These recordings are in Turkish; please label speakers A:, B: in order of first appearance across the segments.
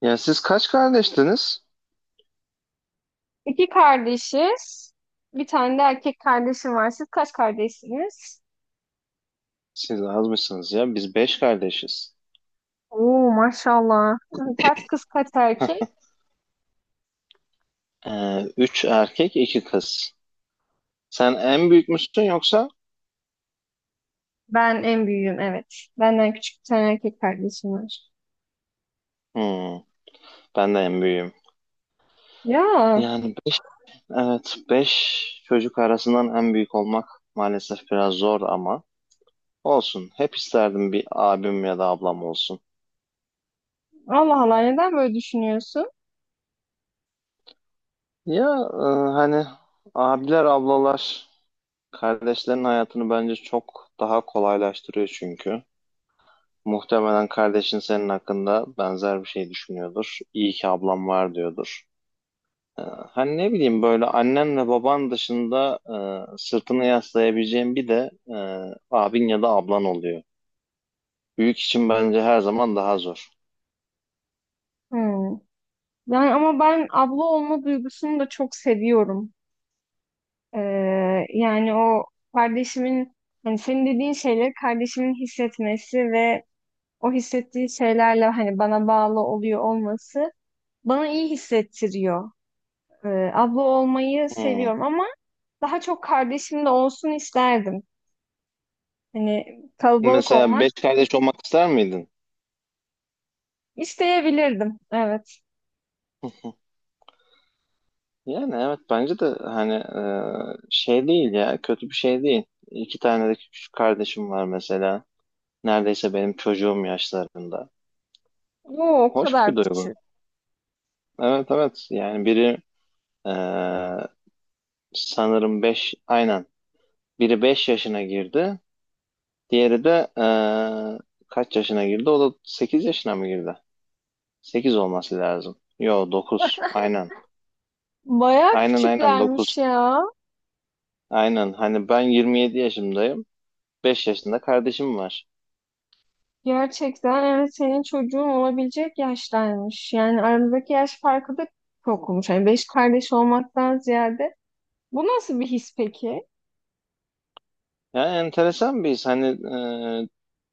A: Ya siz kaç kardeştiniz?
B: İki kardeşiz. Bir tane de erkek kardeşim var. Siz kaç kardeşsiniz?
A: Siz azmışsınız ya. Biz beş kardeşiz.
B: Oo, maşallah. Kaç kız, kaç erkek?
A: Üç erkek, iki kız. Sen en büyük müsün yoksa?
B: Ben en büyüğüm, evet. Benden küçük bir tane erkek kardeşim var.
A: Hmm, Ben de en büyüğüm.
B: Ya,
A: Yani be- evet, beş çocuk arasından en büyük olmak maalesef biraz zor ama olsun. Hep isterdim bir abim ya da ablam olsun.
B: Allah Allah, neden böyle düşünüyorsun?
A: Ya e, hani abiler, ablalar kardeşlerin hayatını bence çok daha kolaylaştırıyor çünkü. Muhtemelen kardeşin senin hakkında benzer bir şey düşünüyordur. İyi ki ablam var diyordur. Hani ne bileyim böyle annenle baban dışında sırtını yaslayabileceğin bir de abin ya da ablan oluyor. Büyük için bence her zaman daha zor.
B: Hmm. Yani ama ben abla olma duygusunu da çok seviyorum. Ee, Yani o kardeşimin, hani senin dediğin şeyleri kardeşimin hissetmesi ve o hissettiği şeylerle hani bana bağlı oluyor olması bana iyi hissettiriyor. Abla olmayı
A: Hmm.
B: seviyorum ama daha çok kardeşim de olsun isterdim. Hani kalabalık
A: Mesela
B: olmak
A: beş kardeş olmak ister miydin?
B: isteyebilirdim. Evet.
A: Yani evet bence de hani şey değil ya, kötü bir şey değil. İki tane de küçük kardeşim var mesela. Neredeyse benim çocuğum yaşlarında.
B: Oo, o
A: Hoş
B: kadar
A: bir duygu.
B: küçük.
A: Evet, evet, yani biri e, sanırım beş, aynen, biri 5 yaşına girdi, diğeri de e, kaç yaşına girdi, o da 8 yaşına mı girdi? 8 olması lazım, yo 9, aynen,
B: Bayağı
A: aynen, aynen
B: küçüklermiş
A: 9,
B: ya.
A: aynen. Hani ben 27 yaşındayım, 5 yaşında kardeşim var.
B: Gerçekten evet, senin çocuğun olabilecek yaştaymış. Yani aramızdaki yaş farkı da çok olmuş. Yani beş kardeş olmaktan ziyade. Bu nasıl bir his peki?
A: Yani enteresan bir his. Hani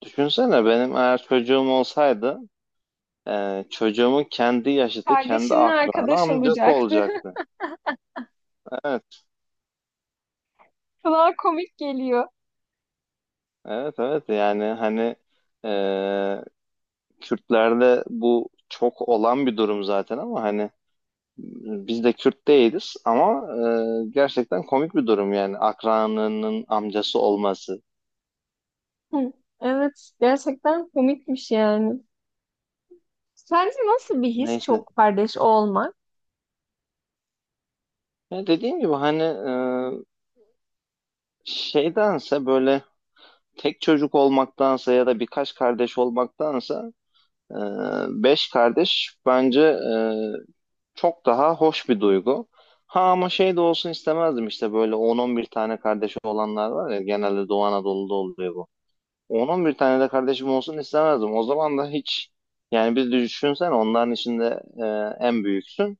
A: düşünsene, benim eğer çocuğum olsaydı, çocuğumun kendi yaşıtı, kendi
B: Kardeşinle
A: akranı
B: arkadaş
A: amcası
B: olacaktı.
A: olacaktı. Evet.
B: Kulağa komik geliyor.
A: Evet, evet, yani hani e, Kürtlerde bu çok olan bir durum zaten ama hani biz de Kürt değiliz ama gerçekten komik bir durum yani, akranının amcası olması.
B: Hı, evet, gerçekten komikmiş yani. Sence nasıl bir his
A: Neyse.
B: çok kardeş olmak?
A: Ya dediğim gibi hani şeydense, böyle tek çocuk olmaktansa ya da birkaç kardeş olmaktansa e, beş kardeş bence çok daha hoş bir duygu. Ha ama şey de olsun istemezdim, işte böyle 10-11 tane kardeşi olanlar var ya, genelde Doğu Anadolu'da oluyor bu. 10-11 tane de kardeşim olsun istemezdim. O zaman da hiç, yani bir düşünsen, onların içinde en büyüksün.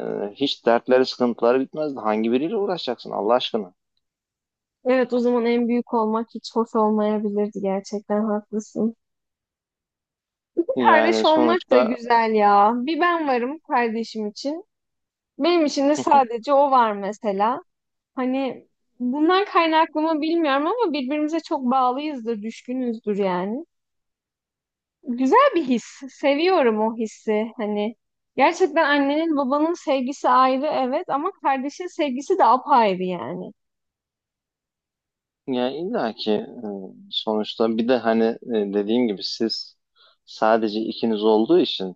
A: E, Hiç dertleri, sıkıntıları bitmezdi. Hangi biriyle uğraşacaksın Allah aşkına?
B: Evet, o zaman en büyük olmak hiç hoş olmayabilirdi, gerçekten haklısın. Kardeş
A: Yani
B: olmak da
A: sonuçta,
B: güzel ya. Bir ben varım kardeşim için. Benim için de sadece o var mesela. Hani bundan kaynaklı mı bilmiyorum ama birbirimize çok bağlıyızdır, düşkünüzdür yani. Güzel bir his. Seviyorum o hissi. Hani gerçekten annenin babanın sevgisi ayrı evet ama kardeşin sevgisi de apayrı yani.
A: yani illa ki sonuçta bir de hani dediğim gibi siz sadece ikiniz olduğu için,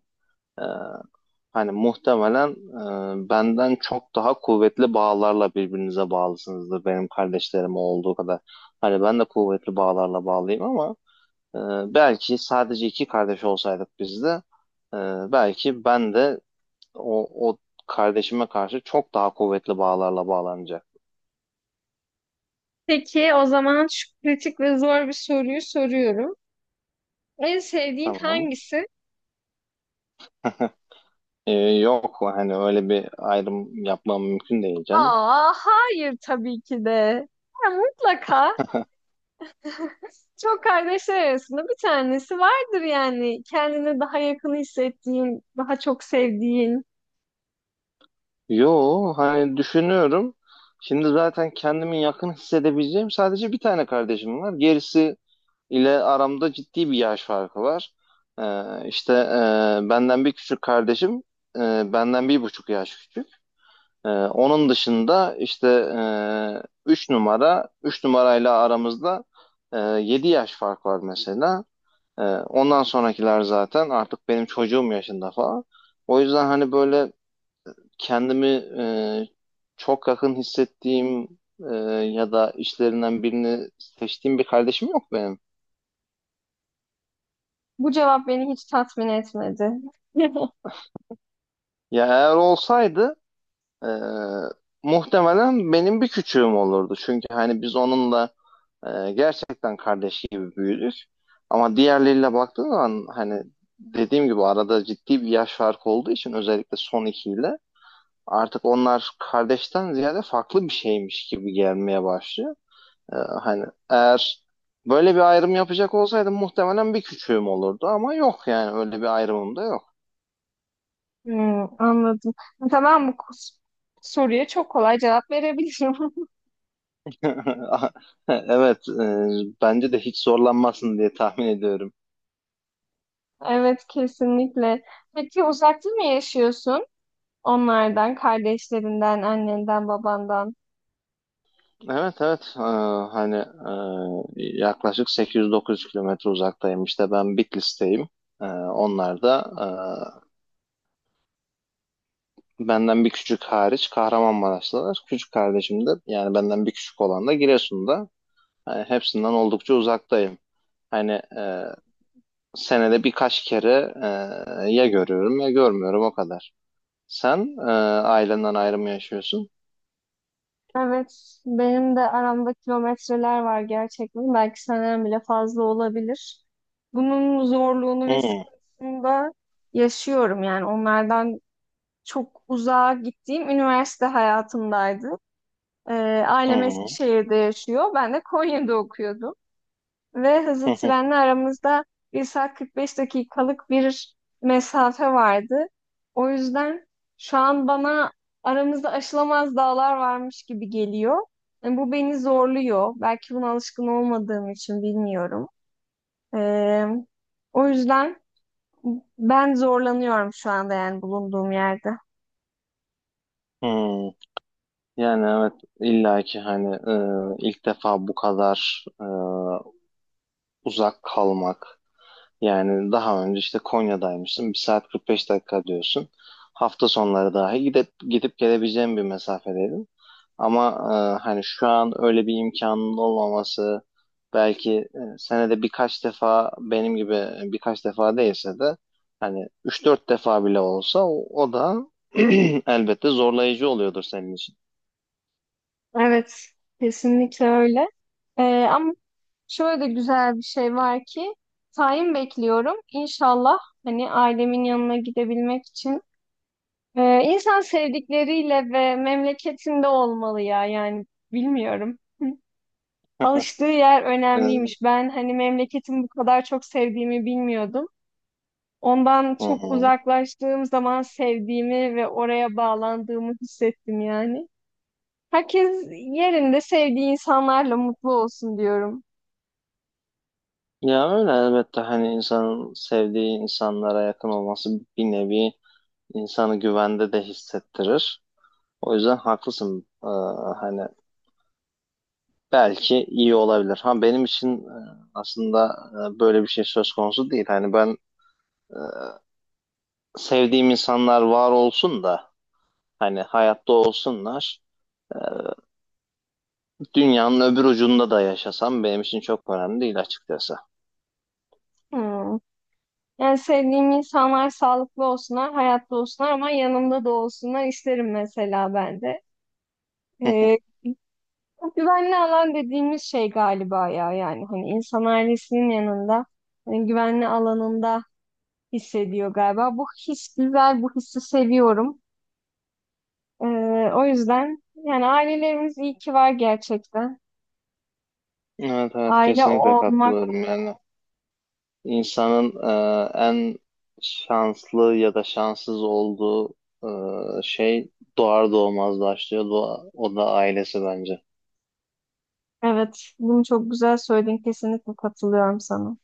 A: e, hani muhtemelen benden çok daha kuvvetli bağlarla birbirinize bağlısınızdır, benim kardeşlerim olduğu kadar. Hani ben de kuvvetli bağlarla bağlıyım ama e, belki sadece iki kardeş olsaydık biz de, e, belki ben de o kardeşime karşı çok daha kuvvetli bağlarla bağlanacak.
B: Peki o zaman şu kritik ve zor bir soruyu soruyorum. En sevdiğin
A: Tamam.
B: hangisi?
A: E, Yok, hani öyle bir ayrım yapmam mümkün değil canım.
B: Aa, hayır tabii ki de. Ya, mutlaka. Çok kardeşler arasında bir tanesi vardır yani. Kendini daha yakın hissettiğin, daha çok sevdiğin.
A: Yo hani, düşünüyorum. Şimdi zaten kendimi yakın hissedebileceğim sadece bir tane kardeşim var. Gerisi ile aramda ciddi bir yaş farkı var. İşte benden bir küçük kardeşim, benden 1,5 yaş küçük. Onun dışında işte üç numara, üç numarayla aramızda 7 yaş fark var mesela. Ondan sonrakiler zaten artık benim çocuğum yaşında falan. O yüzden hani böyle kendimi çok yakın hissettiğim ya da işlerinden birini seçtiğim bir kardeşim yok benim.
B: Bu cevap beni hiç tatmin etmedi.
A: Ya eğer olsaydı e, muhtemelen benim bir küçüğüm olurdu. Çünkü hani biz onunla gerçekten kardeş gibi büyüdük. Ama diğerleriyle baktığın zaman, hani dediğim gibi, arada ciddi bir yaş farkı olduğu için özellikle son ikiyle artık onlar kardeşten ziyade farklı bir şeymiş gibi gelmeye başlıyor. Ee, Hani eğer böyle bir ayrım yapacak olsaydım muhtemelen bir küçüğüm olurdu, ama yok yani, öyle bir ayrımım da yok.
B: Hmm, anladım. Tamam, soruya çok kolay cevap verebilirim.
A: Evet, bence de hiç zorlanmazsın diye tahmin ediyorum.
B: Evet, kesinlikle. Peki uzakta mı yaşıyorsun? Onlardan, kardeşlerinden, annenden, babandan.
A: Evet, evet. Hani yaklaşık 800-900 kilometre uzaktayım, işte ben Bitlis'teyim. Onlar da benden bir küçük hariç Kahramanmaraşlılar. Küçük kardeşim de, yani benden bir küçük olan da Giresun'da. Yani hepsinden oldukça uzaktayım. Hani senede birkaç kere ya görüyorum ya görmüyorum, o kadar. Sen ailenden ayrı mı yaşıyorsun?
B: Evet, benim de aramda kilometreler var gerçekten. Belki senden bile fazla olabilir. Bunun zorluğunu ve
A: Hı
B: sıkıntısını da yaşıyorum. Yani onlardan çok uzağa gittiğim üniversite hayatımdaydı. Ee, Ailem
A: hı,
B: Eskişehir'de yaşıyor. Ben de Konya'da okuyordum. Ve
A: hı
B: hızlı
A: hı.
B: trenle aramızda bir saat 45 dakikalık bir mesafe vardı. O yüzden şu an bana aramızda aşılamaz dağlar varmış gibi geliyor. Yani bu beni zorluyor. Belki buna alışkın olmadığım için bilmiyorum. Ee, O yüzden ben zorlanıyorum şu anda yani bulunduğum yerde.
A: Hı. Yani evet, illaki hani ilk defa bu kadar uzak kalmak. Yani daha önce işte Konya'daymışsın. Bir saat 45 dakika diyorsun. Hafta sonları dahi gidip, gidip gelebileceğim bir mesafedeydin. Ama hani şu an öyle bir imkanın olmaması, belki senede birkaç defa benim gibi, birkaç defa değilse de hani üç dört defa bile olsa o da elbette zorlayıcı oluyordur senin için.
B: Evet, kesinlikle öyle. Ama şöyle de güzel bir şey var ki tayin bekliyorum. İnşallah hani ailemin yanına gidebilmek için. İnsan sevdikleriyle ve memleketinde olmalı ya yani bilmiyorum. Hı. Alıştığı yer
A: Ee,
B: önemliymiş. Ben hani memleketimi bu kadar çok sevdiğimi bilmiyordum. Ondan
A: Hı
B: çok
A: hı.
B: uzaklaştığım zaman sevdiğimi ve oraya bağlandığımı hissettim yani. Herkes yerinde sevdiği insanlarla mutlu olsun diyorum.
A: Ya öyle, elbette hani insanın sevdiği insanlara yakın olması bir nevi insanı güvende de hissettirir. O yüzden haklısın. Hani belki iyi olabilir. Ha benim için aslında böyle bir şey söz konusu değil. Hani ben sevdiğim insanlar var olsun da, hani hayatta olsunlar. E, Dünyanın öbür ucunda da yaşasam benim için çok önemli değil açıkçası.
B: Hmm. Yani sevdiğim insanlar sağlıklı olsunlar, hayatta olsunlar ama yanımda da olsunlar isterim mesela ben de. Ee, Güvenli alan dediğimiz şey galiba ya, yani hani insan ailesinin yanında hani güvenli alanında hissediyor galiba. Bu his güzel, bu hissi seviyorum. Ee, O yüzden yani ailelerimiz iyi ki var gerçekten.
A: Evet, evet,
B: Aile
A: kesinlikle
B: olmak.
A: katılıyorum yani. İnsanın en şanslı ya da şanssız olduğu şey doğar doğmaz başlıyor. Doğa- o da ailesi bence.
B: Evet, bunu çok güzel söyledin. Kesinlikle katılıyorum sana.